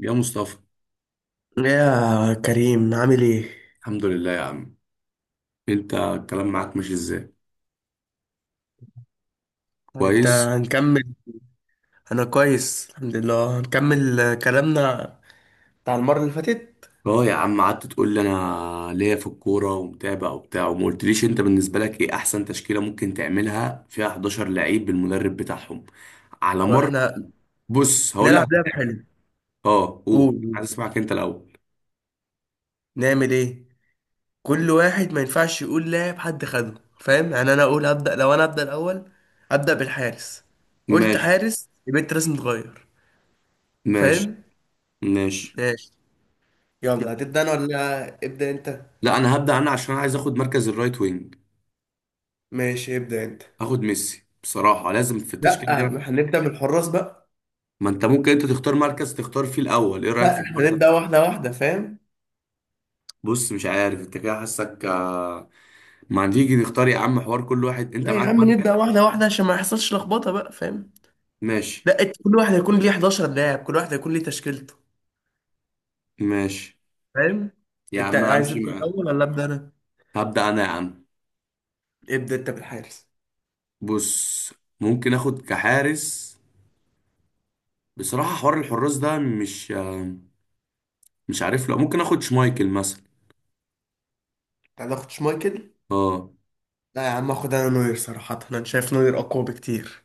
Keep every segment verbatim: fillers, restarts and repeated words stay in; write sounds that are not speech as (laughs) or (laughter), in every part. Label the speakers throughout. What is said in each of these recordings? Speaker 1: يا مصطفى.
Speaker 2: يا كريم، عامل ايه؟
Speaker 1: الحمد لله يا عم. انت الكلام معاك ماشي ازاي؟
Speaker 2: انت
Speaker 1: كويس.
Speaker 2: هنكمل؟ انا كويس، الحمد لله. هنكمل كلامنا بتاع المرة اللي فاتت.
Speaker 1: اه، يا عم قعدت تقول لي انا ليا في الكوره ومتابع وبتاع، وما قلتليش انت بالنسبه لك ايه احسن تشكيله ممكن تعملها فيها حداشر لعيب بالمدرب بتاعهم على مر.
Speaker 2: واحنا
Speaker 1: بص، هقول
Speaker 2: نلعب
Speaker 1: لك.
Speaker 2: لعبة حلوة.
Speaker 1: اه، قول،
Speaker 2: قول،
Speaker 1: عايز اسمعك انت الاول.
Speaker 2: نعمل ايه؟ كل واحد ما ينفعش يقول لاعب حد خده، فاهم؟ يعني انا اقول هبدأ، لو انا هبدأ الاول هبدأ بالحارس. قلت
Speaker 1: ماشي،
Speaker 2: حارس يبقى انت لازم تغير،
Speaker 1: ماشي،
Speaker 2: فاهم؟
Speaker 1: ماشي.
Speaker 2: ماشي. يلا،
Speaker 1: يلا.
Speaker 2: هتبدأ انا ولا ابدأ انت؟
Speaker 1: لا، انا هبدا انا عشان عايز اخد مركز الرايت وينج.
Speaker 2: ماشي، ابدأ انت.
Speaker 1: اخد ميسي بصراحه، لازم في التشكيله
Speaker 2: لا،
Speaker 1: دي.
Speaker 2: ما هنبدأ من الحراس بقى.
Speaker 1: ما انت ممكن انت تختار مركز تختار فيه الاول، ايه رايك في
Speaker 2: لا،
Speaker 1: الحوار
Speaker 2: احنا
Speaker 1: ده؟
Speaker 2: نبدأ واحدة واحدة، فاهم؟
Speaker 1: بص، مش عارف انت كده حاسك. ما تيجي نختار يا عم، حوار كل واحد انت
Speaker 2: لا يا
Speaker 1: معاك
Speaker 2: عم، نبدأ
Speaker 1: مركز.
Speaker 2: واحدة واحدة عشان ما يحصلش لخبطة بقى، فاهم.
Speaker 1: ماشي،
Speaker 2: لا، إت- كل واحد هيكون ليه 11 لاعب، كل واحد هيكون ليه تشكيلته،
Speaker 1: ماشي.
Speaker 2: فاهم.
Speaker 1: يا
Speaker 2: انت
Speaker 1: عم
Speaker 2: عايز
Speaker 1: همشي
Speaker 2: انت
Speaker 1: معاك.
Speaker 2: الاول ولا ابدا انا؟
Speaker 1: هبدأ انا يا عم.
Speaker 2: ابدا انت بالحارس.
Speaker 1: بص، ممكن اخد كحارس بصراحة. حوار الحراس ده، مش مش عارف. لا، ممكن اخد شمايكل مثلا.
Speaker 2: انت هتاخد شمايكل؟
Speaker 1: اه.
Speaker 2: لا يا عم، اخد انا نوير. صراحة انا شايف نوير اقوى بكتير.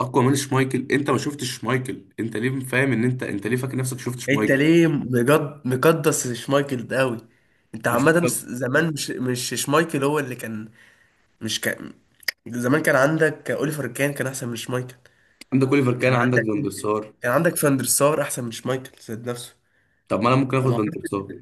Speaker 1: اقوى من شمايكل؟ انت ما شفتش شمايكل، انت ليه فاهم ان انت انت ليه فاكر نفسك شفت
Speaker 2: انت
Speaker 1: شمايكل؟
Speaker 2: ليه مجد مقدس؟ شمايكل ده قوي. انت
Speaker 1: مش
Speaker 2: عامة
Speaker 1: ممكن.
Speaker 2: س- زمان مش مش شمايكل هو اللي كان. مش كان، زمان كان عندك اوليفر، كان كان احسن من شمايكل.
Speaker 1: عندك اوليفر، كان
Speaker 2: كان
Speaker 1: عندك
Speaker 2: عندك،
Speaker 1: فان der سار.
Speaker 2: كان عندك فاندر سار احسن من شمايكل ذات نفسه.
Speaker 1: طب ما انا ممكن اخد
Speaker 2: انا
Speaker 1: فان der سار.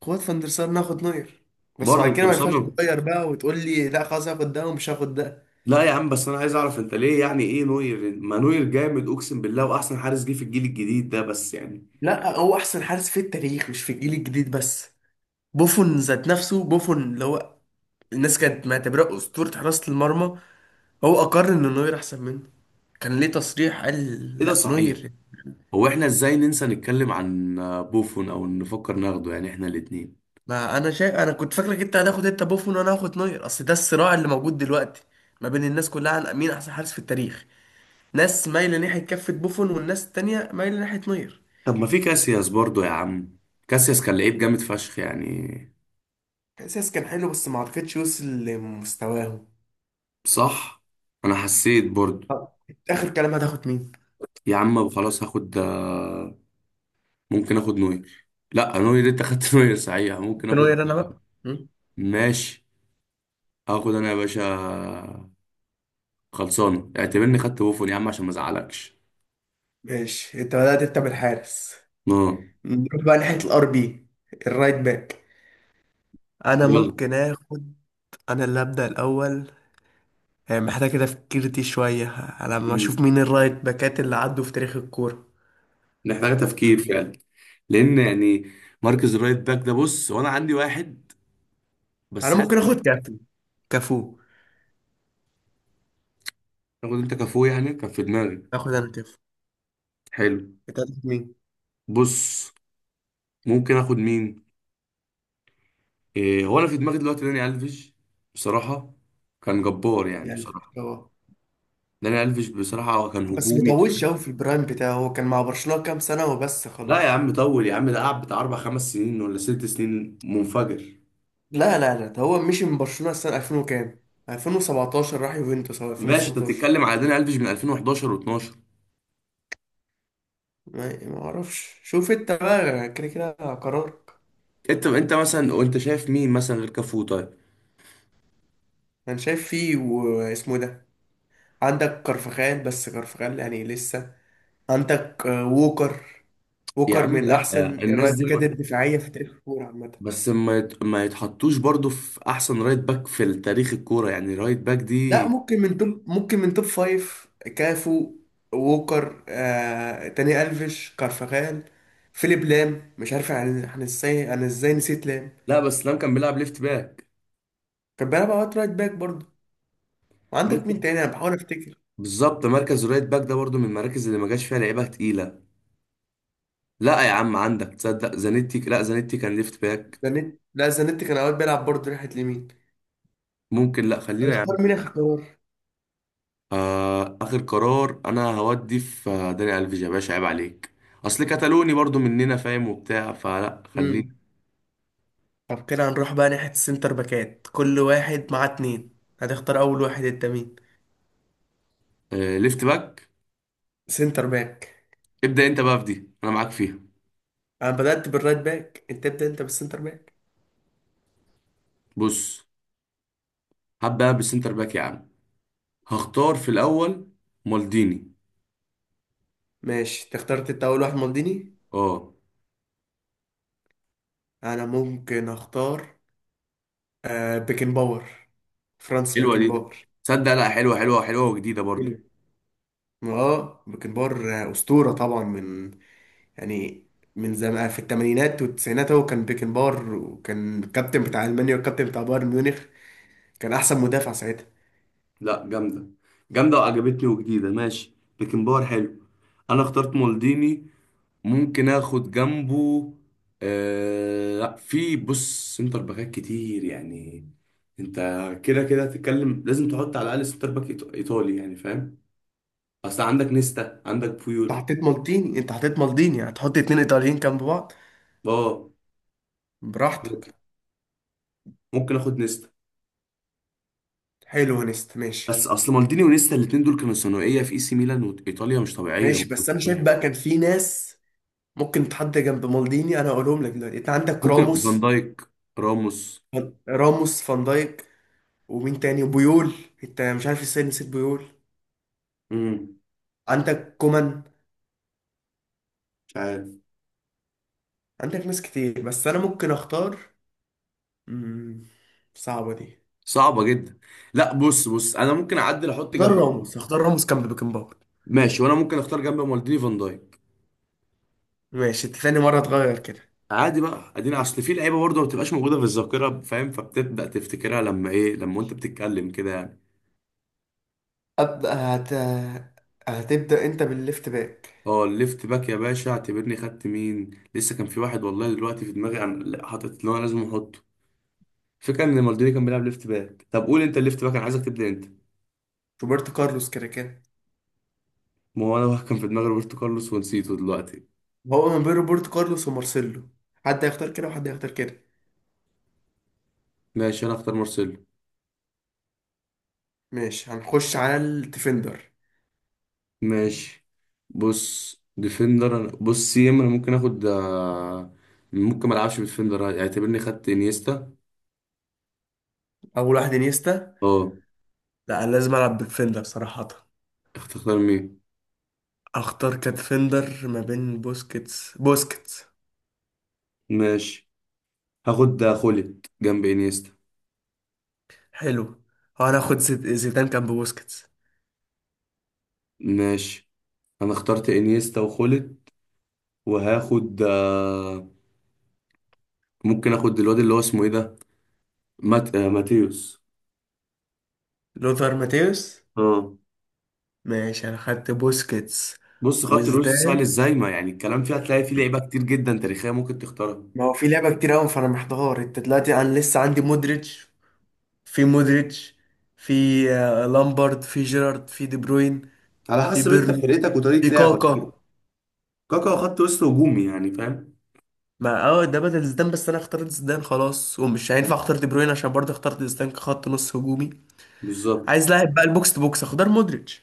Speaker 2: قوات فاندر سار ناخد نوير. بس
Speaker 1: برضه
Speaker 2: بعد
Speaker 1: انت
Speaker 2: كده ما ينفعش
Speaker 1: مصمم؟
Speaker 2: تغير بقى وتقول لي لا خلاص هاخد ده ومش هاخد ده.
Speaker 1: لا يا عم، بس انا عايز اعرف انت ليه يعني. ايه نوير؟ ما نوير جامد اقسم بالله واحسن حارس جه في الجيل الجديد ده بس يعني.
Speaker 2: لا، هو احسن حارس في التاريخ، مش في الجيل الجديد بس. بوفون ذات نفسه، بوفون اللي هو الناس كانت معتبراه اسطوره حراسه المرمى، هو اقر ان نوير احسن منه. كان ليه تصريح قال،
Speaker 1: ايه ده،
Speaker 2: لا
Speaker 1: صحيح؟
Speaker 2: نوير.
Speaker 1: هو احنا ازاي ننسى نتكلم عن آه، بوفون او نفكر ناخده يعني احنا الاتنين.
Speaker 2: ما انا شايف، انا كنت فاكرك انت هتاخد انت بوفون وانا هاخد نوير، اصل ده الصراع اللي موجود دلوقتي ما بين الناس كلها عن مين احسن حارس في التاريخ. ناس مايله ناحيه كفه بوفون والناس التانيه مايله ناحيه نوير.
Speaker 1: طب ما في كاسياس برضو يا عم. كاسياس كان لعيب جامد فشخ يعني.
Speaker 2: احساس كان حلو بس ما عرفتش يوصل لمستواهم.
Speaker 1: صح، انا حسيت برضو.
Speaker 2: آه، اخر كلام هتاخد مين؟
Speaker 1: يا عم خلاص، هاخد آه، ممكن اخد نوير. لا نوير انت خدت (laughs) نوير، صحيح ممكن
Speaker 2: ثانوية
Speaker 1: اخد.
Speaker 2: انا بقى مم.
Speaker 1: ماشي، هاخد انا يا باشا خلصان. اعتبرني خدت بوفون يا عم عشان ما ازعلكش.
Speaker 2: ماشي، انت بدأت انت بالحارس.
Speaker 1: اه.
Speaker 2: نروح بقى ناحية الار بي، الرايت باك. انا
Speaker 1: يلا.
Speaker 2: ممكن اخد. انا اللي ابدا الاول. آه، محتاج كده فكرتي شويه على ما اشوف
Speaker 1: مم.
Speaker 2: مين الرايت باكات اللي عدوا في تاريخ الكوره.
Speaker 1: محتاجه
Speaker 2: مم.
Speaker 1: تفكير فعلا. لان يعني مركز الرايت باك ده، بص، وانا عندي واحد بس
Speaker 2: انا
Speaker 1: حاسس
Speaker 2: ممكن
Speaker 1: إن-
Speaker 2: اخد كافي، كفو.
Speaker 1: تاخد انت كفو يعني، كان في دماغي.
Speaker 2: اخد انا كفو.
Speaker 1: حلو.
Speaker 2: انت هتاخد مين؟
Speaker 1: بص، ممكن اخد مين؟ إيه هو انا في دماغي دلوقتي داني الفيش بصراحه. كان جبار يعني
Speaker 2: يعني
Speaker 1: بصراحه.
Speaker 2: هو،
Speaker 1: داني الفيش بصراحه كان
Speaker 2: بس
Speaker 1: هجومي.
Speaker 2: مطولش قوي في البرايم بتاعه، هو كان مع برشلونة كام سنة وبس
Speaker 1: لا يا
Speaker 2: خلاص.
Speaker 1: عم، طول يا عم، ده قعد بتاع اربع خمس سنين ولا ست سنين منفجر.
Speaker 2: لا لا لا، ده هو مشي من برشلونة السنة ألفين وكام، ألفين وسبعتاشر راح يوفنتوس او
Speaker 1: ماشي، انت
Speaker 2: ألفين وستاشر.
Speaker 1: بتتكلم على داني الفيش من ألفين وحداشر و12.
Speaker 2: ما ما اعرفش، شوف انت بقى كده كده قرارك.
Speaker 1: انت انت مثلا وانت شايف مين مثلا غير كافو؟ طيب.
Speaker 2: انا شايف فيه واسمه ده، عندك كارفخال، بس كارفخال يعني لسه. عندك آه، ووكر.
Speaker 1: يا
Speaker 2: ووكر
Speaker 1: عم
Speaker 2: من
Speaker 1: لا،
Speaker 2: احسن
Speaker 1: الناس
Speaker 2: الرايت
Speaker 1: دي
Speaker 2: باكات
Speaker 1: ما...
Speaker 2: الدفاعية في تاريخ الكورة عامة.
Speaker 1: بس ما يت- ما يتحطوش برضو في احسن رايت باك في تاريخ الكوره، يعني رايت باك
Speaker 2: لا،
Speaker 1: دي.
Speaker 2: ممكن من توب، ممكن من توب فايف. كافو، ووكر، آه، تاني ألفيش، كارفخال، فيليب لام. مش عارف عن عن ازاي، انا ازاي نسيت لام.
Speaker 1: لا، بس لام كان بيلعب ليفت باك.
Speaker 2: كان بيلعب اوقات رايت باك برضه. وعندك
Speaker 1: بص،
Speaker 2: مين تاني؟ انا بحاول افتكر.
Speaker 1: بالظبط مركز الرايت باك ده برضو من المراكز اللي ما جاش فيها لعيبه تقيله. لا يا عم، عندك تصدق زانيتي. لا، زانيتي كان ليفت باك.
Speaker 2: زانيت لا زانيت كان اوقات بيلعب برضه ناحيه اليمين.
Speaker 1: ممكن. لا، خلينا يا
Speaker 2: هيختار
Speaker 1: عم.
Speaker 2: مين؟ اختار.
Speaker 1: آه اخر قرار انا هودي في آه، داني الفيج، يا باشا عيب عليك. اصل كتالوني برضو مننا، فاهم وبتاع، فلا خلينا.
Speaker 2: امم طب كده هنروح بقى ناحيه السنتر باكات، كل واحد معاه اتنين. هتختار اول واحد انت مين؟
Speaker 1: آه، ليفت باك.
Speaker 2: سنتر باك.
Speaker 1: ابدأ انت بقى في دي، انا معاك فيها.
Speaker 2: انا بدأت بالرايت باك، انت ابدأ انت بالسنتر باك.
Speaker 1: بص، هبدأ بالسنتر باك يا عم. هختار في الاول مالديني.
Speaker 2: ماشي، انت اخترت انت اول واحد مالديني.
Speaker 1: اه.
Speaker 2: انا ممكن اختار آه بيكن باور، فرانس
Speaker 1: حلوة
Speaker 2: بيكن
Speaker 1: دي،
Speaker 2: باور.
Speaker 1: تصدق؟ لا، حلوة حلوة حلوة وجديدة برضو.
Speaker 2: حلو. اه، بيكن باور آه، اسطورة طبعا، من يعني، من زمان في الثمانينات والتسعينات هو كان بيكنبار، وكان الكابتن بتاع المانيا والكابتن بتاع بايرن ميونخ. كان احسن مدافع ساعتها.
Speaker 1: لا، جامدة جامدة وعجبتني وجديدة. ماشي بيكن باور، حلو. انا اخترت مالديني، ممكن اخد جنبه. آه لا، في، بص، سنتر باكات كتير يعني. انت كده كده هتتكلم، لازم تحط على الاقل سنتر باك إيط- ايطالي يعني، فاهم. اصل عندك نيستا، عندك
Speaker 2: انت
Speaker 1: بويول.
Speaker 2: حطيت مالديني، انت حطيت مالديني هتحط اتنين ايطاليين جنب بعض؟
Speaker 1: اه.
Speaker 2: براحتك.
Speaker 1: ممكن اخد نيستا.
Speaker 2: حلو يا نست، ماشي.
Speaker 1: بس اصل مالديني ونيستا الاتنين دول كانوا ثانويه في اي سي ميلان وايطاليا مش طبيعيه
Speaker 2: ماشي،
Speaker 1: برضه.
Speaker 2: بس انا شايف بقى كان في ناس ممكن تحط جنب مالديني، انا هقولهم لك دلوقتي. انت عندك
Speaker 1: ممكن فان
Speaker 2: راموس،
Speaker 1: دايك، راموس.
Speaker 2: فان- راموس، فان دايك، ومين تاني، وبيول. انت مش عارف ازاي نسيت بيول؟
Speaker 1: امم
Speaker 2: عندك كومان،
Speaker 1: مش عارف.
Speaker 2: عندك ناس كتير، بس انا ممكن اختار. مم، صعبة دي.
Speaker 1: صعبه جدا. لا، بص بص انا ممكن اعدل احط
Speaker 2: اختار
Speaker 1: جنب.
Speaker 2: راموس، اختار راموس كان ببيكنباور.
Speaker 1: ماشي، وانا ممكن اختار جنب مالديني فان دايك.
Speaker 2: ماشي، انت تاني مرة تغير كده.
Speaker 1: عادي بقى ادينا، اصل في لعيبه برضه ما بتبقاش موجوده في الذاكره فاهم، فبتبدا تفتكرها لما ايه لما انت بتتكلم كده يعني.
Speaker 2: أبدأ هت... هتبدأ أنت بالليفت باك.
Speaker 1: اه، الليفت باك يا باشا، اعتبرني خدت مين؟ لسه كان في واحد والله دلوقتي في دماغي عن لا، حاطط اللي هو لازم احطه. فكرة ان مالديني كان بيلعب ليفت باك. طب قول انت الليفت باك، انا عايزك تبدا انت.
Speaker 2: روبرتو كارلوس كده كده.
Speaker 1: ما هو انا كان في دماغي روبرتو كارلوس ونسيته دلوقتي.
Speaker 2: هو من بين روبرتو كارلوس ومارسيلو. حد هيختار كده وحد هيختار كده.
Speaker 1: ماشي، انا اختار مارسيلو.
Speaker 2: ماشي، هنخش على الديفندر.
Speaker 1: ماشي. بص، ديفندر أنا- بص سي ام، انا ممكن اخد آه، ممكن ما العبش بديفندر، اعتبرني خدت انيستا.
Speaker 2: اول واحد انيستا.
Speaker 1: اه،
Speaker 2: لا، أنا لازم العب بالديفندر صراحة.
Speaker 1: اختار مين؟
Speaker 2: اختار كديفندر ما بين بوسكيتس بوسكيتس.
Speaker 1: ماشي، هاخد آه، خوليت جنب انيستا.
Speaker 2: حلو. هناخد زيد- زيدان، كان ببوسكيتس.
Speaker 1: ماشي، انا اخترت انيستا وخوليت. وهاخد آه، ممكن اخد الواد اللي هو اسمه ايه ده، مات... آه، ماتيوس.
Speaker 2: لوثر ماتيوس.
Speaker 1: اه.
Speaker 2: ماشي، انا خدت بوسكيتس
Speaker 1: بص، خط الوسط سهل
Speaker 2: وزدان.
Speaker 1: ازاي، ما يعني الكلام فيه هتلاقي فيه لعيبه كتير جدا تاريخيه ممكن تختارها.
Speaker 2: ما هو في لعبة كتير قوي، فانا محتار انت دلوقتي. انا لسه عندي مودريتش، في مودريتش، في آه، لامبارد، في جيرارد، في دي بروين،
Speaker 1: على
Speaker 2: في
Speaker 1: حسب انت
Speaker 2: بيرلو،
Speaker 1: فرقتك وطريقه
Speaker 2: في
Speaker 1: لعبك.
Speaker 2: كاكا.
Speaker 1: كاكا خط وسط هجومي يعني، فاهم.
Speaker 2: ما اه، ده بدل زيدان، بس انا اخترت زيدان خلاص، ومش هينفع اختار دي بروين عشان برضه اخترت زيدان كخط نص هجومي.
Speaker 1: بالظبط.
Speaker 2: عايز لاعب بقى البوكس تو بوكس، اختار مودريتش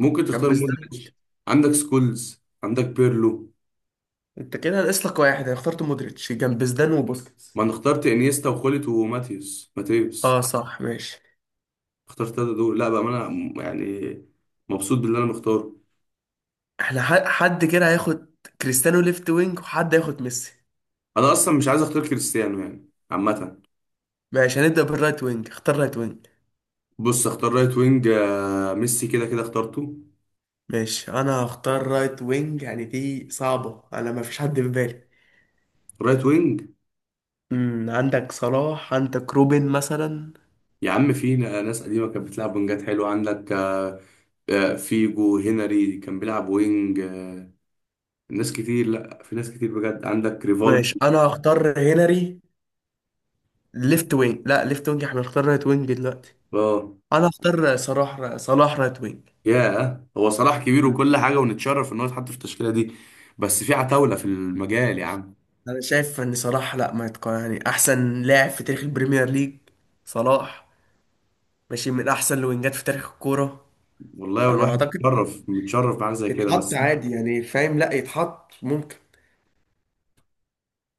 Speaker 1: ممكن تختار
Speaker 2: جنب زيدان
Speaker 1: مودريتش،
Speaker 2: وبوسكيتس.
Speaker 1: عندك سكولز، عندك بيرلو.
Speaker 2: انت كده ناقص لك واحد. انا اخترت مودريتش جنب زيدان وبوسكيتس.
Speaker 1: ما انا اخترت انيستا وخولت وماتيوس
Speaker 2: اه
Speaker 1: ماتيوس
Speaker 2: صح، ماشي.
Speaker 1: اخترت التلاته دول. لا بقى، ما انا م- يعني مبسوط باللي انا مختاره.
Speaker 2: احنا ح- حد كده هياخد كريستيانو ليفت وينج وحد هياخد ميسي.
Speaker 1: انا اصلا مش عايز اختار كريستيانو يعني عامه.
Speaker 2: ماشي، هنبدأ بالرايت وينج. اختار رايت وينج.
Speaker 1: بص، اختار رايت وينج. آه، ميسي كده كده اخترته.
Speaker 2: ماشي، انا هختار رايت وينج. يعني دي صعبة، انا ما فيش حد في بالي.
Speaker 1: رايت وينج.
Speaker 2: امم عندك صلاح، عندك روبن مثلا.
Speaker 1: يا عم، في ن- آه، ناس قديمة كانت بتلعب وينجات حلوة، عندك آه، آه، فيجو، هنري كان بيلعب وينج آه، ناس كتير. لا، في ناس كتير بجد، عندك
Speaker 2: ماشي،
Speaker 1: ريفالدو.
Speaker 2: انا هختار هنري. ليفت وينج، لا، ليفت وينج احنا هنختار رايت وينج دلوقتي.
Speaker 1: اه.
Speaker 2: انا هختار صلاح، صلاح رايت وينج.
Speaker 1: ياه، هو صلاح كبير
Speaker 2: مم.
Speaker 1: وكل حاجة، ونتشرف ان هو يتحط في التشكيلة دي. بس في عتاولة في المجال يا عم.
Speaker 2: انا شايف ان صلاح، لا، ما يتق... يعني احسن لاعب في تاريخ البريمير ليج صلاح. ماشي، من احسن الوينجات في تاريخ الكورة.
Speaker 1: والله
Speaker 2: فانا
Speaker 1: الواحد
Speaker 2: اعتقد
Speaker 1: متشرف متشرف بحاجة زي كده،
Speaker 2: يتحط
Speaker 1: بس.
Speaker 2: عادي، يعني فاهم، لا يتحط ممكن.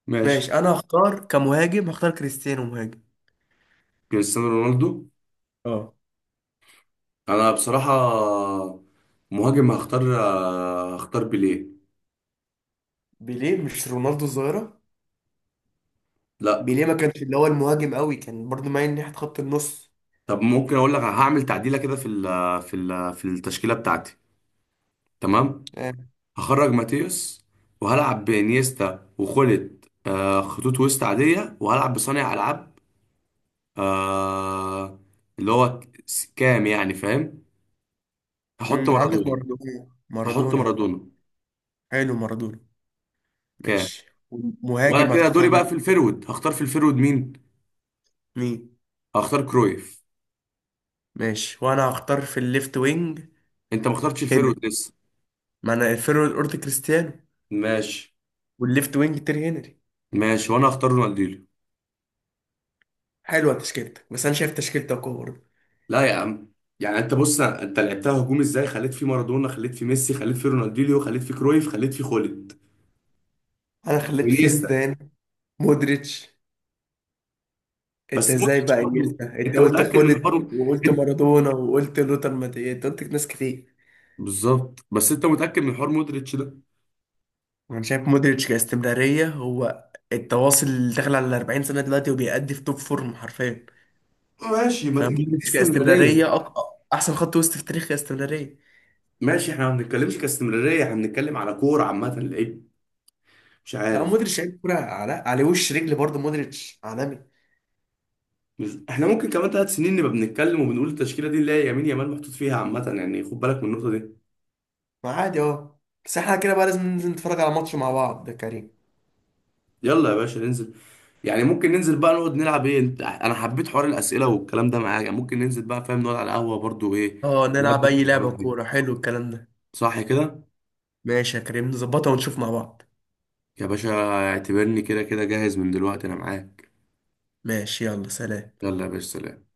Speaker 1: ماشي.
Speaker 2: ماشي، انا هختار كمهاجم، هختار كريستيانو مهاجم.
Speaker 1: كريستيانو رونالدو.
Speaker 2: اه.
Speaker 1: انا بصراحة، مهاجم، هختار آه، هختار بيليه.
Speaker 2: بيليه مش رونالدو الظاهرة؟
Speaker 1: لا.
Speaker 2: بيليه ما كانش اللي هو المهاجم قوي، كان برضو مايل ناحية خط النص.
Speaker 1: طب ممكن اقول لك هعمل تعديله كده في ال في ال في التشكيله بتاعتي. تمام.
Speaker 2: آه.
Speaker 1: هخرج ماتيوس، وهلعب بانيستا وخلت آه خطوط وسط عاديه، وهلعب بصانع العاب آه اللي هو س- كام يعني، فاهم. هحط
Speaker 2: مم، عندك
Speaker 1: مارادونا.
Speaker 2: مارادونا.
Speaker 1: هحط
Speaker 2: مارادونا، اه.
Speaker 1: مارادونا
Speaker 2: حلو، مارادونا.
Speaker 1: كام.
Speaker 2: ماشي.
Speaker 1: وانا
Speaker 2: مهاجم
Speaker 1: كده دوري
Speaker 2: هتختار
Speaker 1: بقى في
Speaker 2: مين؟
Speaker 1: الفيرود، هختار في الفيرود مين.
Speaker 2: مين؟
Speaker 1: هختار كرويف.
Speaker 2: ماشي، وانا هختار في الليفت وينج
Speaker 1: انت ما اخترتش الفيرود
Speaker 2: هنري.
Speaker 1: لسه.
Speaker 2: ما انا الفيرو الاورت كريستيانو،
Speaker 1: ماشي.
Speaker 2: والليفت وينج تيري هنري.
Speaker 1: ماشي، وانا هختار رونالدينيو.
Speaker 2: حلوة تشكيلتك، بس انا شايف تشكيلتك أقوى برضه.
Speaker 1: لا يا عم. يعني انت بص، انت لعبتها هجوم ازاي؟ خليت فيه مارادونا، خليت فيه ميسي، خليت فيه رونالدينيو، خليت فيه كرويف، خليت فيه خولد.
Speaker 2: انا خليت فيه
Speaker 1: وانيستا.
Speaker 2: زيدان، مودريتش. انت
Speaker 1: بس
Speaker 2: ازاي
Speaker 1: مودريتش
Speaker 2: بقى
Speaker 1: برضه.
Speaker 2: انيستا؟ انت
Speaker 1: انت
Speaker 2: قلت
Speaker 1: متاكد من
Speaker 2: خلت،
Speaker 1: حوار
Speaker 2: وقلت
Speaker 1: انت.
Speaker 2: مارادونا، وقلت لوتر ماتياس، انت قلت ناس كتير.
Speaker 1: بالظبط، بس انت متاكد من حوار مودريتش ده؟
Speaker 2: وانا شايف مودريتش كاستمرارية، هو التواصل اللي داخل على 40 سنة دلوقتي وبيأدي في توب فورم حرفيا.
Speaker 1: ماشي، ما دي دي
Speaker 2: فمودريتش
Speaker 1: استمراريه.
Speaker 2: كاستمرارية أق... احسن خط وسط في تاريخ كاستمرارية.
Speaker 1: ماشي، احنا ما بنتكلمش كاستمراريه، احنا بنتكلم على كوره عامه لعيب. مش
Speaker 2: لا،
Speaker 1: عارف.
Speaker 2: مودريتش لعيب كورة على... على وش رجل برضه. مودريتش عالمي.
Speaker 1: مش... احنا ممكن كمان ثلاث سنين نبقى بنتكلم وبنقول التشكيله دي اللي هي يمين يامال محطوط فيها عامه يعني، خد بالك من النقطه دي.
Speaker 2: ما عادي اهو. بس احنا كده بقى لازم ننزل نتفرج على ماتش مع بعض يا كريم.
Speaker 1: يلا يا باشا ننزل. يعني ممكن ننزل بقى نقعد نلعب ايه انت، انا حبيت حوار الاسئله والكلام ده معاك يعني، ممكن ننزل بقى فاهم نقعد على القهوه برضو، ايه.
Speaker 2: اه، نلعب
Speaker 1: نودي في
Speaker 2: اي لعبة
Speaker 1: الحوارات دي.
Speaker 2: كورة. حلو الكلام ده.
Speaker 1: صح كده.
Speaker 2: ماشي يا كريم، نظبطها ونشوف مع بعض.
Speaker 1: يا باشا، اعتبرني كده كده جاهز من دلوقتي انا معاك.
Speaker 2: ماشي، يلا سلام.
Speaker 1: يلا يا باشا، سلام.